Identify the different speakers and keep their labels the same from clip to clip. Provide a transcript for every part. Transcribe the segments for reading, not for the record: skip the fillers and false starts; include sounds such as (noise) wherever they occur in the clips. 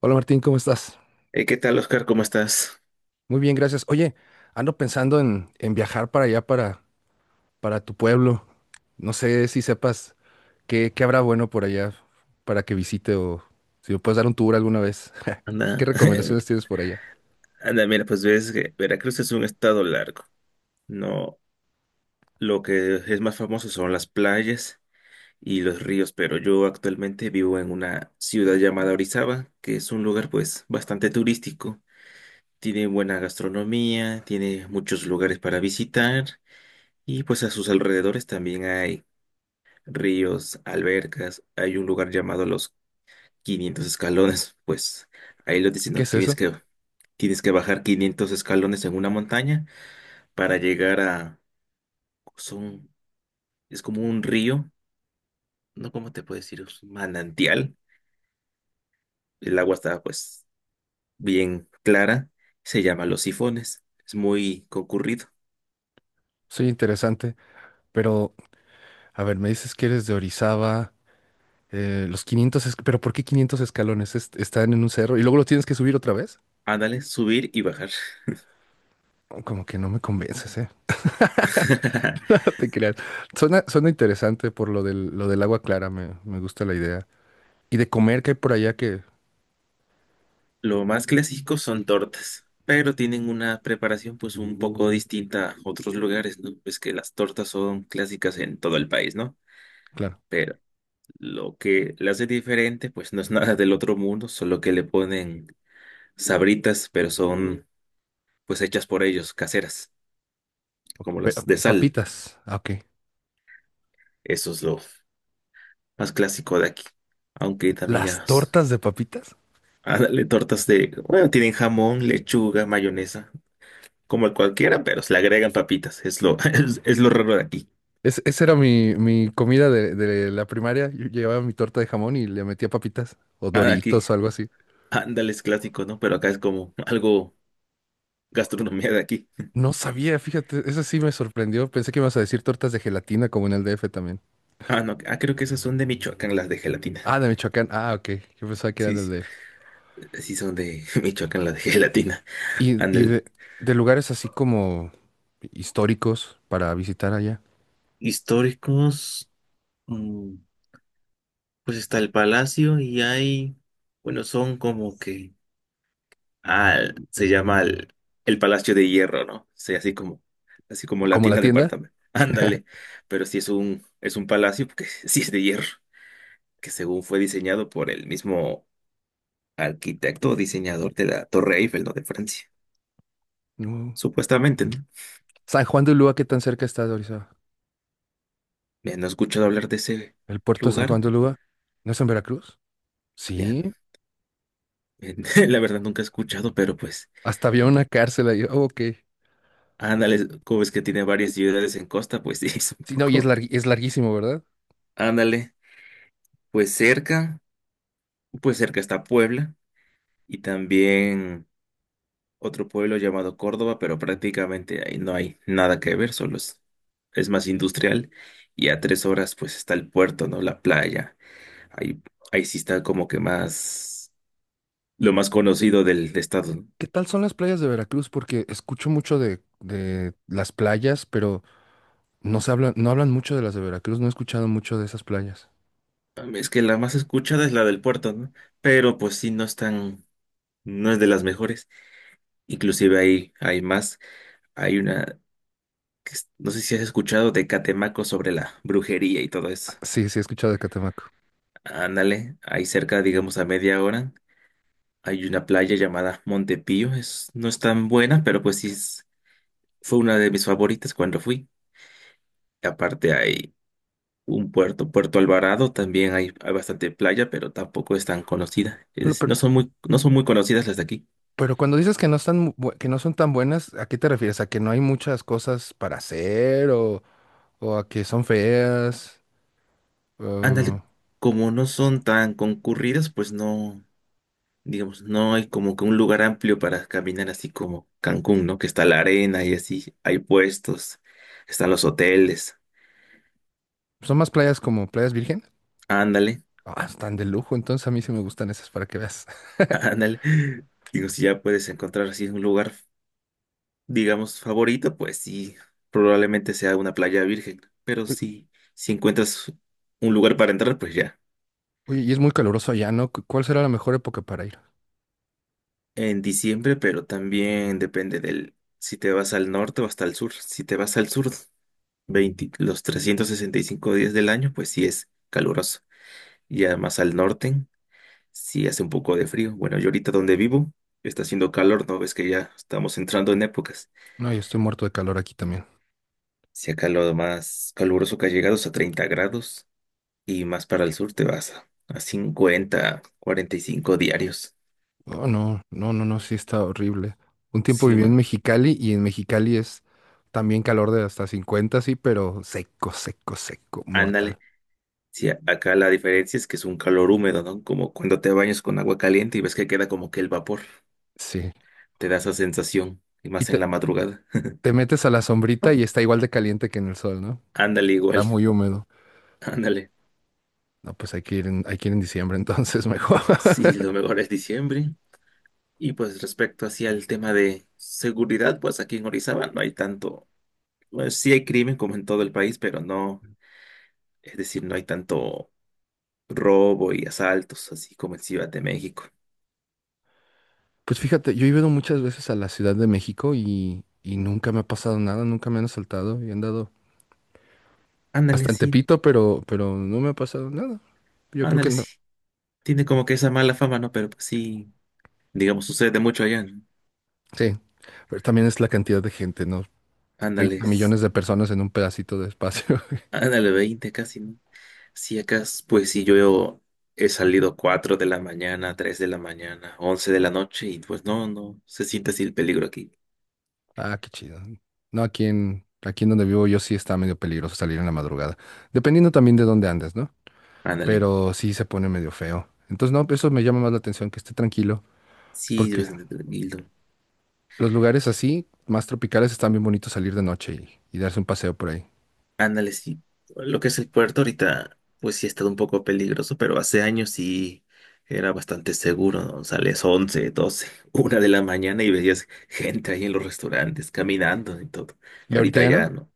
Speaker 1: Hola Martín, ¿cómo estás?
Speaker 2: ¿Qué tal, Oscar? ¿Cómo estás?
Speaker 1: Muy bien, gracias. Oye, ando pensando en viajar para allá, para tu pueblo. No sé si sepas qué habrá bueno por allá para que visite o si me puedes dar un tour alguna vez. (laughs) ¿Qué
Speaker 2: Anda,
Speaker 1: recomendaciones
Speaker 2: (laughs)
Speaker 1: tienes por allá?
Speaker 2: anda, mira, pues ves que Veracruz es un estado largo. No, lo que es más famoso son las playas y los ríos, pero yo actualmente vivo en una ciudad llamada Orizaba, que es un lugar pues bastante turístico. Tiene buena gastronomía, tiene muchos lugares para visitar y pues a sus alrededores también hay ríos, albercas, hay un lugar llamado Los 500 Escalones, pues ahí lo dicen,
Speaker 1: ¿Qué
Speaker 2: no
Speaker 1: es
Speaker 2: tienes
Speaker 1: eso?
Speaker 2: que Tienes que bajar 500 escalones en una montaña para llegar a... Son, es como un río, ¿no? ¿Cómo te puedo decir? Es un manantial. El agua está pues bien clara. Se llama Los Sifones. Es muy concurrido.
Speaker 1: Soy interesante, pero a ver, me dices que eres de Orizaba, los 500, pero ¿por qué 500 escalones? Están en un cerro y luego lo tienes que subir otra vez.
Speaker 2: Ándale, subir y bajar.
Speaker 1: Como que no me convences, ¿eh?
Speaker 2: (laughs)
Speaker 1: (laughs) No te creas. Suena interesante por lo del agua clara, me gusta la idea. Y de comer que hay por allá que,
Speaker 2: Lo más clásico son tortas, pero tienen una preparación pues un poco distinta a otros lugares, ¿no? Pues que las tortas son clásicas en todo el país, ¿no?
Speaker 1: claro,
Speaker 2: Pero lo que la hace diferente, pues no es nada del otro mundo, solo que le ponen sabritas, pero son pues hechas por ellos, caseras, como
Speaker 1: pe-
Speaker 2: las de sal.
Speaker 1: papitas. Ah, ok.
Speaker 2: Eso es lo más clásico de aquí. Aunque también
Speaker 1: Las
Speaker 2: ya
Speaker 1: tortas de papitas.
Speaker 2: dale tortas de, bueno, tienen jamón, lechuga, mayonesa, como cualquiera, pero se le agregan papitas. Es lo, (laughs) es lo raro de aquí.
Speaker 1: Esa era mi comida de la primaria. Yo llevaba mi torta de jamón y le metía papitas o
Speaker 2: Ah, de aquí,
Speaker 1: Doritos o algo así.
Speaker 2: ándale, es clásico, ¿no? Pero acá es como algo gastronomía de aquí.
Speaker 1: No sabía, fíjate, eso sí me sorprendió. Pensé que ibas a decir tortas de gelatina como en el DF también.
Speaker 2: Ah, no, creo que esas son de Michoacán, las de gelatina.
Speaker 1: Ah, de Michoacán. Ah, ok. Yo pensaba que eran
Speaker 2: Sí,
Speaker 1: del
Speaker 2: sí.
Speaker 1: DF.
Speaker 2: Sí, son de (laughs) Michoacán, la de (laughs) gelatina.
Speaker 1: Y, y
Speaker 2: Ándale.
Speaker 1: de, de lugares así como históricos para visitar allá.
Speaker 2: Históricos, mm, pues está el palacio y hay, bueno, son como que, ah, se llama el, El Palacio de Hierro, ¿no? Sí, así como
Speaker 1: Como la
Speaker 2: Latina
Speaker 1: tienda.
Speaker 2: Department. (laughs) Ándale. Pero sí es un palacio porque (laughs) sí es de hierro, que según fue diseñado por el mismo arquitecto o diseñador de la Torre Eiffel, ¿no? De Francia.
Speaker 1: No.
Speaker 2: Supuestamente, ¿no?
Speaker 1: San Juan de Ulúa, ¿qué tan cerca está de Orizaba?
Speaker 2: Ya no he escuchado hablar de ese
Speaker 1: ¿El puerto de San
Speaker 2: lugar.
Speaker 1: Juan de Ulúa? ¿No es en Veracruz?
Speaker 2: Ya,
Speaker 1: Sí.
Speaker 2: (laughs) la verdad nunca he escuchado, pero pues,
Speaker 1: Hasta había una cárcel ahí. Oh, ok.
Speaker 2: ándale, como ves que tiene varias ciudades en costa, pues (laughs) sí, es un
Speaker 1: Sí, no, y es
Speaker 2: poco.
Speaker 1: es larguísimo, ¿verdad?
Speaker 2: Ándale, pues cerca, pues cerca está Puebla y también otro pueblo llamado Córdoba, pero prácticamente ahí no hay nada que ver, solo es más industrial y a 3 horas pues está el puerto, ¿no? La playa, ahí, ahí sí está como que más, lo más conocido del estado,
Speaker 1: ¿Qué tal son las playas de Veracruz? Porque escucho mucho de las playas, pero no hablan mucho de las de Veracruz. No he escuchado mucho de esas playas.
Speaker 2: ¿no? Es que la más escuchada es la del puerto, ¿no? Pero pues sí, no es de las mejores. Inclusive hay más. Hay una, no sé si has escuchado de Catemaco sobre la brujería y todo
Speaker 1: Ah,
Speaker 2: eso.
Speaker 1: sí, sí, he escuchado de Catemaco.
Speaker 2: Ándale, ahí cerca, digamos a media hora, hay una playa llamada Montepío. No es tan buena, pero pues fue una de mis favoritas cuando fui. Aparte hay un puerto, Puerto Alvarado, también hay bastante playa, pero tampoco es tan conocida. Es
Speaker 1: Bueno,
Speaker 2: decir,
Speaker 1: pero,
Speaker 2: no son muy conocidas las de aquí.
Speaker 1: pero cuando dices que no están, que no son tan buenas, ¿a qué te refieres? ¿A que no hay muchas cosas para hacer o a que son feas?
Speaker 2: Ándale,
Speaker 1: O-
Speaker 2: como no son tan concurridas, pues no. Digamos, no hay como que un lugar amplio para caminar así como Cancún, ¿no? Que está la arena y así, hay puestos, están los hoteles,
Speaker 1: ¿Son más playas como playas virgen?
Speaker 2: ándale,
Speaker 1: Ah, están de lujo, entonces a mí sí me gustan esas para que veas.
Speaker 2: (laughs) ándale. Digo, si ya puedes encontrar así un lugar, digamos, favorito, pues sí, probablemente sea una playa virgen, pero
Speaker 1: (laughs) Uy,
Speaker 2: sí, si encuentras un lugar para entrar, pues ya.
Speaker 1: oye, y es muy caluroso allá, ¿no? ¿Cuál será la mejor época para ir?
Speaker 2: En diciembre, pero también depende del, si te vas al norte o hasta el sur. Si te vas al sur, 20 los 365 días del año, pues sí es caluroso. Y además al norte sí hace un poco de frío. Bueno, yo ahorita donde vivo está haciendo calor, ¿no? Ves que ya estamos entrando en épocas.
Speaker 1: No, yo estoy muerto de calor aquí también.
Speaker 2: Si acá lo más caluroso que ha llegado es a 30 grados y más para el sur te vas a 50, 45 diarios.
Speaker 1: Oh, no, no, no, no, sí está horrible. Un tiempo
Speaker 2: Sí,
Speaker 1: viví en
Speaker 2: man,
Speaker 1: Mexicali y en Mexicali es también calor de hasta 50, sí, pero seco, seco, seco, mortal.
Speaker 2: ándale. Sí, acá la diferencia es que es un calor húmedo, ¿no? Como cuando te bañas con agua caliente y ves que queda como que el vapor.
Speaker 1: Sí.
Speaker 2: Te da esa sensación, y
Speaker 1: Y
Speaker 2: más en
Speaker 1: te,
Speaker 2: la madrugada.
Speaker 1: te metes a la sombrita y está igual de caliente que en el sol, ¿no?
Speaker 2: (laughs) Ándale
Speaker 1: Está
Speaker 2: igual,
Speaker 1: muy húmedo.
Speaker 2: ándale.
Speaker 1: No, pues hay que hay que ir en diciembre entonces (laughs) mejor.
Speaker 2: Sí, lo mejor es diciembre. Y pues respecto hacia el tema de seguridad, pues aquí en Orizaba no hay tanto, pues sí hay crimen como en todo el país, pero no, es decir, no hay tanto robo y asaltos así como en Ciudad de México.
Speaker 1: Pues fíjate, yo he ido muchas veces a la Ciudad de México y nunca me ha pasado nada, nunca me han asaltado y he andado
Speaker 2: Ándale,
Speaker 1: hasta en
Speaker 2: sí,
Speaker 1: Tepito, pero no me ha pasado nada. Yo creo que
Speaker 2: ándale,
Speaker 1: no.
Speaker 2: sí. Tiene como que esa mala fama, ¿no? Pero pues sí, digamos, sucede mucho allá, ¿no?
Speaker 1: Sí, pero también es la cantidad de gente, ¿no?
Speaker 2: Ándale,
Speaker 1: 30 millones de personas en un pedacito de espacio. (laughs)
Speaker 2: ándale, 20 casi, ¿no? Sí, acá, pues sí, yo he salido 4 de la mañana, 3 de la mañana, 11 de la noche y pues no, no, se siente así el peligro aquí.
Speaker 1: Ah, qué chido. No, aquí en donde vivo yo sí está medio peligroso salir en la madrugada, dependiendo también de dónde andes, ¿no?
Speaker 2: Ándale.
Speaker 1: Pero sí se pone medio feo. Entonces, no, eso me llama más la atención, que esté tranquilo,
Speaker 2: Sí, es
Speaker 1: porque
Speaker 2: bastante tranquilo.
Speaker 1: los lugares así, más tropicales, están bien bonitos salir de noche y darse un paseo por ahí.
Speaker 2: Ándale, sí. Lo que es el puerto ahorita, pues sí ha estado un poco peligroso, pero hace años sí era bastante seguro, ¿no? Sales 11, 12, (laughs) 1 de la mañana y veías gente ahí en los restaurantes caminando y todo.
Speaker 1: ¿Y ahorita
Speaker 2: Ahorita
Speaker 1: ya
Speaker 2: ya
Speaker 1: no?
Speaker 2: no,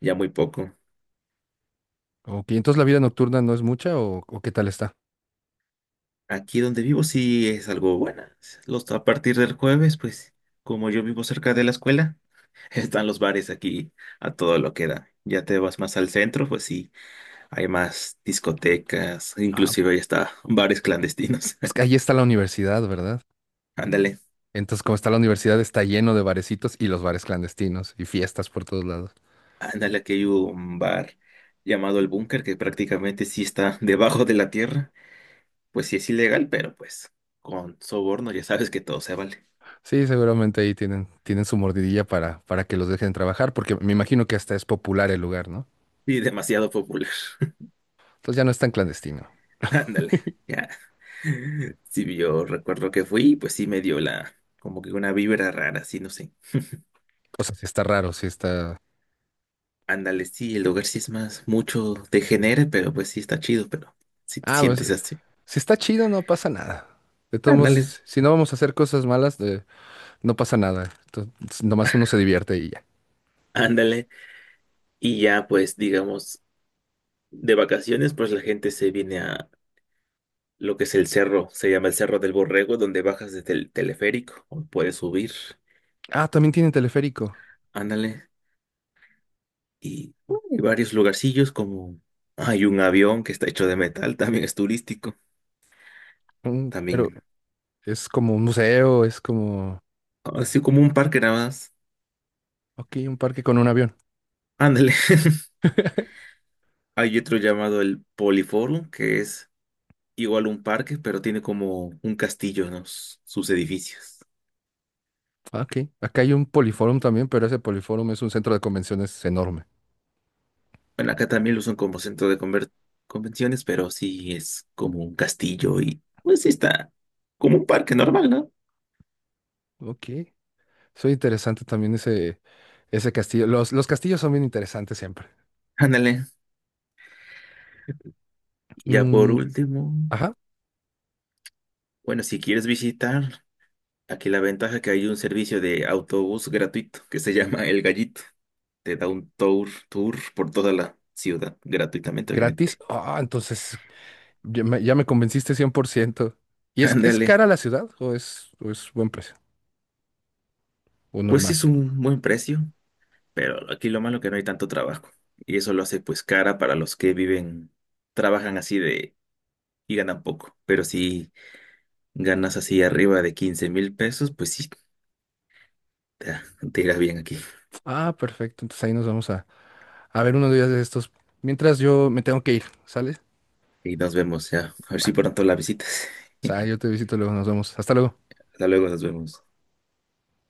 Speaker 2: ya muy poco.
Speaker 1: Ok, entonces la vida nocturna no es mucha o, ¿o qué tal está?
Speaker 2: Aquí donde vivo sí es algo buena. Los, a partir del jueves, pues como yo vivo cerca de la escuela, (laughs) están los bares aquí a todo lo que da. Ya te vas más al centro, pues sí. Hay más discotecas,
Speaker 1: Ah,
Speaker 2: inclusive hay hasta bares clandestinos.
Speaker 1: es que
Speaker 2: (laughs)
Speaker 1: ahí está la universidad, ¿verdad?
Speaker 2: Ándale,
Speaker 1: Entonces, como está la universidad, está lleno de barecitos y los bares clandestinos y fiestas por todos lados.
Speaker 2: ándale, aquí hay un bar llamado El Búnker que prácticamente sí está (laughs) debajo de la tierra. Pues sí es ilegal, pero pues con soborno ya sabes que todo se vale.
Speaker 1: Sí, seguramente ahí tienen su mordidilla para que los dejen trabajar, porque me imagino que hasta es popular el lugar, ¿no?
Speaker 2: Y demasiado popular.
Speaker 1: Entonces ya no es tan clandestino.
Speaker 2: (laughs) Ándale, ya. Sí, yo recuerdo que fui, pues sí me dio la, como que una vibra rara, sí, no sé.
Speaker 1: O sea, si está raro, si está...
Speaker 2: Ándale, sí, el lugar sí es más, mucho degenere, pero pues sí está chido, pero si te
Speaker 1: Ah, pues,
Speaker 2: sientes así.
Speaker 1: si está chido, no pasa nada. De todos
Speaker 2: Ándale,
Speaker 1: modos, si no vamos a hacer cosas malas, no pasa nada. Nomás uno se divierte y ya.
Speaker 2: ándale. Y ya, pues, digamos, de vacaciones, pues la gente se viene a lo que es el cerro, se llama el Cerro del Borrego, donde bajas desde el teleférico, o puedes subir,
Speaker 1: Ah, también tiene teleférico.
Speaker 2: ándale. Y hay varios lugarcillos, como hay un avión que está hecho de metal, también es turístico,
Speaker 1: Mm, pero
Speaker 2: también,
Speaker 1: es como un museo, es como,
Speaker 2: así como un parque nada más,
Speaker 1: ok, un parque con un avión.
Speaker 2: ándale. (laughs) Hay otro llamado el Poliforum, que es igual un parque, pero tiene como un castillo, ¿no? Sus edificios.
Speaker 1: Ah, ok, acá hay un poliforum también, pero ese poliforum es un centro de convenciones enorme.
Speaker 2: Bueno, acá también lo usan como centro de convenciones, pero sí es como un castillo y pues sí está como un parque normal, ¿no?
Speaker 1: Ok, soy interesante también ese castillo. Los castillos son bien interesantes siempre.
Speaker 2: Ándale. Y ya por
Speaker 1: Mm,
Speaker 2: último,
Speaker 1: ajá,
Speaker 2: bueno, si quieres visitar, aquí la ventaja es que hay un servicio de autobús gratuito que se (laughs) llama El Gallito. Te da un tour por toda la ciudad, gratuitamente,
Speaker 1: gratis.
Speaker 2: obviamente.
Speaker 1: Ah, entonces ya me convenciste cien por ciento. ¿Y es
Speaker 2: Ándale.
Speaker 1: cara la ciudad o es buen precio o
Speaker 2: Pues sí
Speaker 1: normal?
Speaker 2: es un buen precio, pero aquí lo malo que no hay tanto trabajo. Y eso lo hace pues cara para los que viven, trabajan así de y ganan poco. Pero si ganas así arriba de 15,000 pesos, pues sí, te, te irá bien aquí.
Speaker 1: Ah, perfecto, entonces ahí nos vamos a... A ver, unos días de estos. Mientras yo me tengo que ir, ¿sale?
Speaker 2: Y nos vemos ya. A ver si pronto la visitas.
Speaker 1: O sea,
Speaker 2: (laughs)
Speaker 1: yo te visito luego, nos vemos. Hasta luego.
Speaker 2: Hasta luego, nos vemos.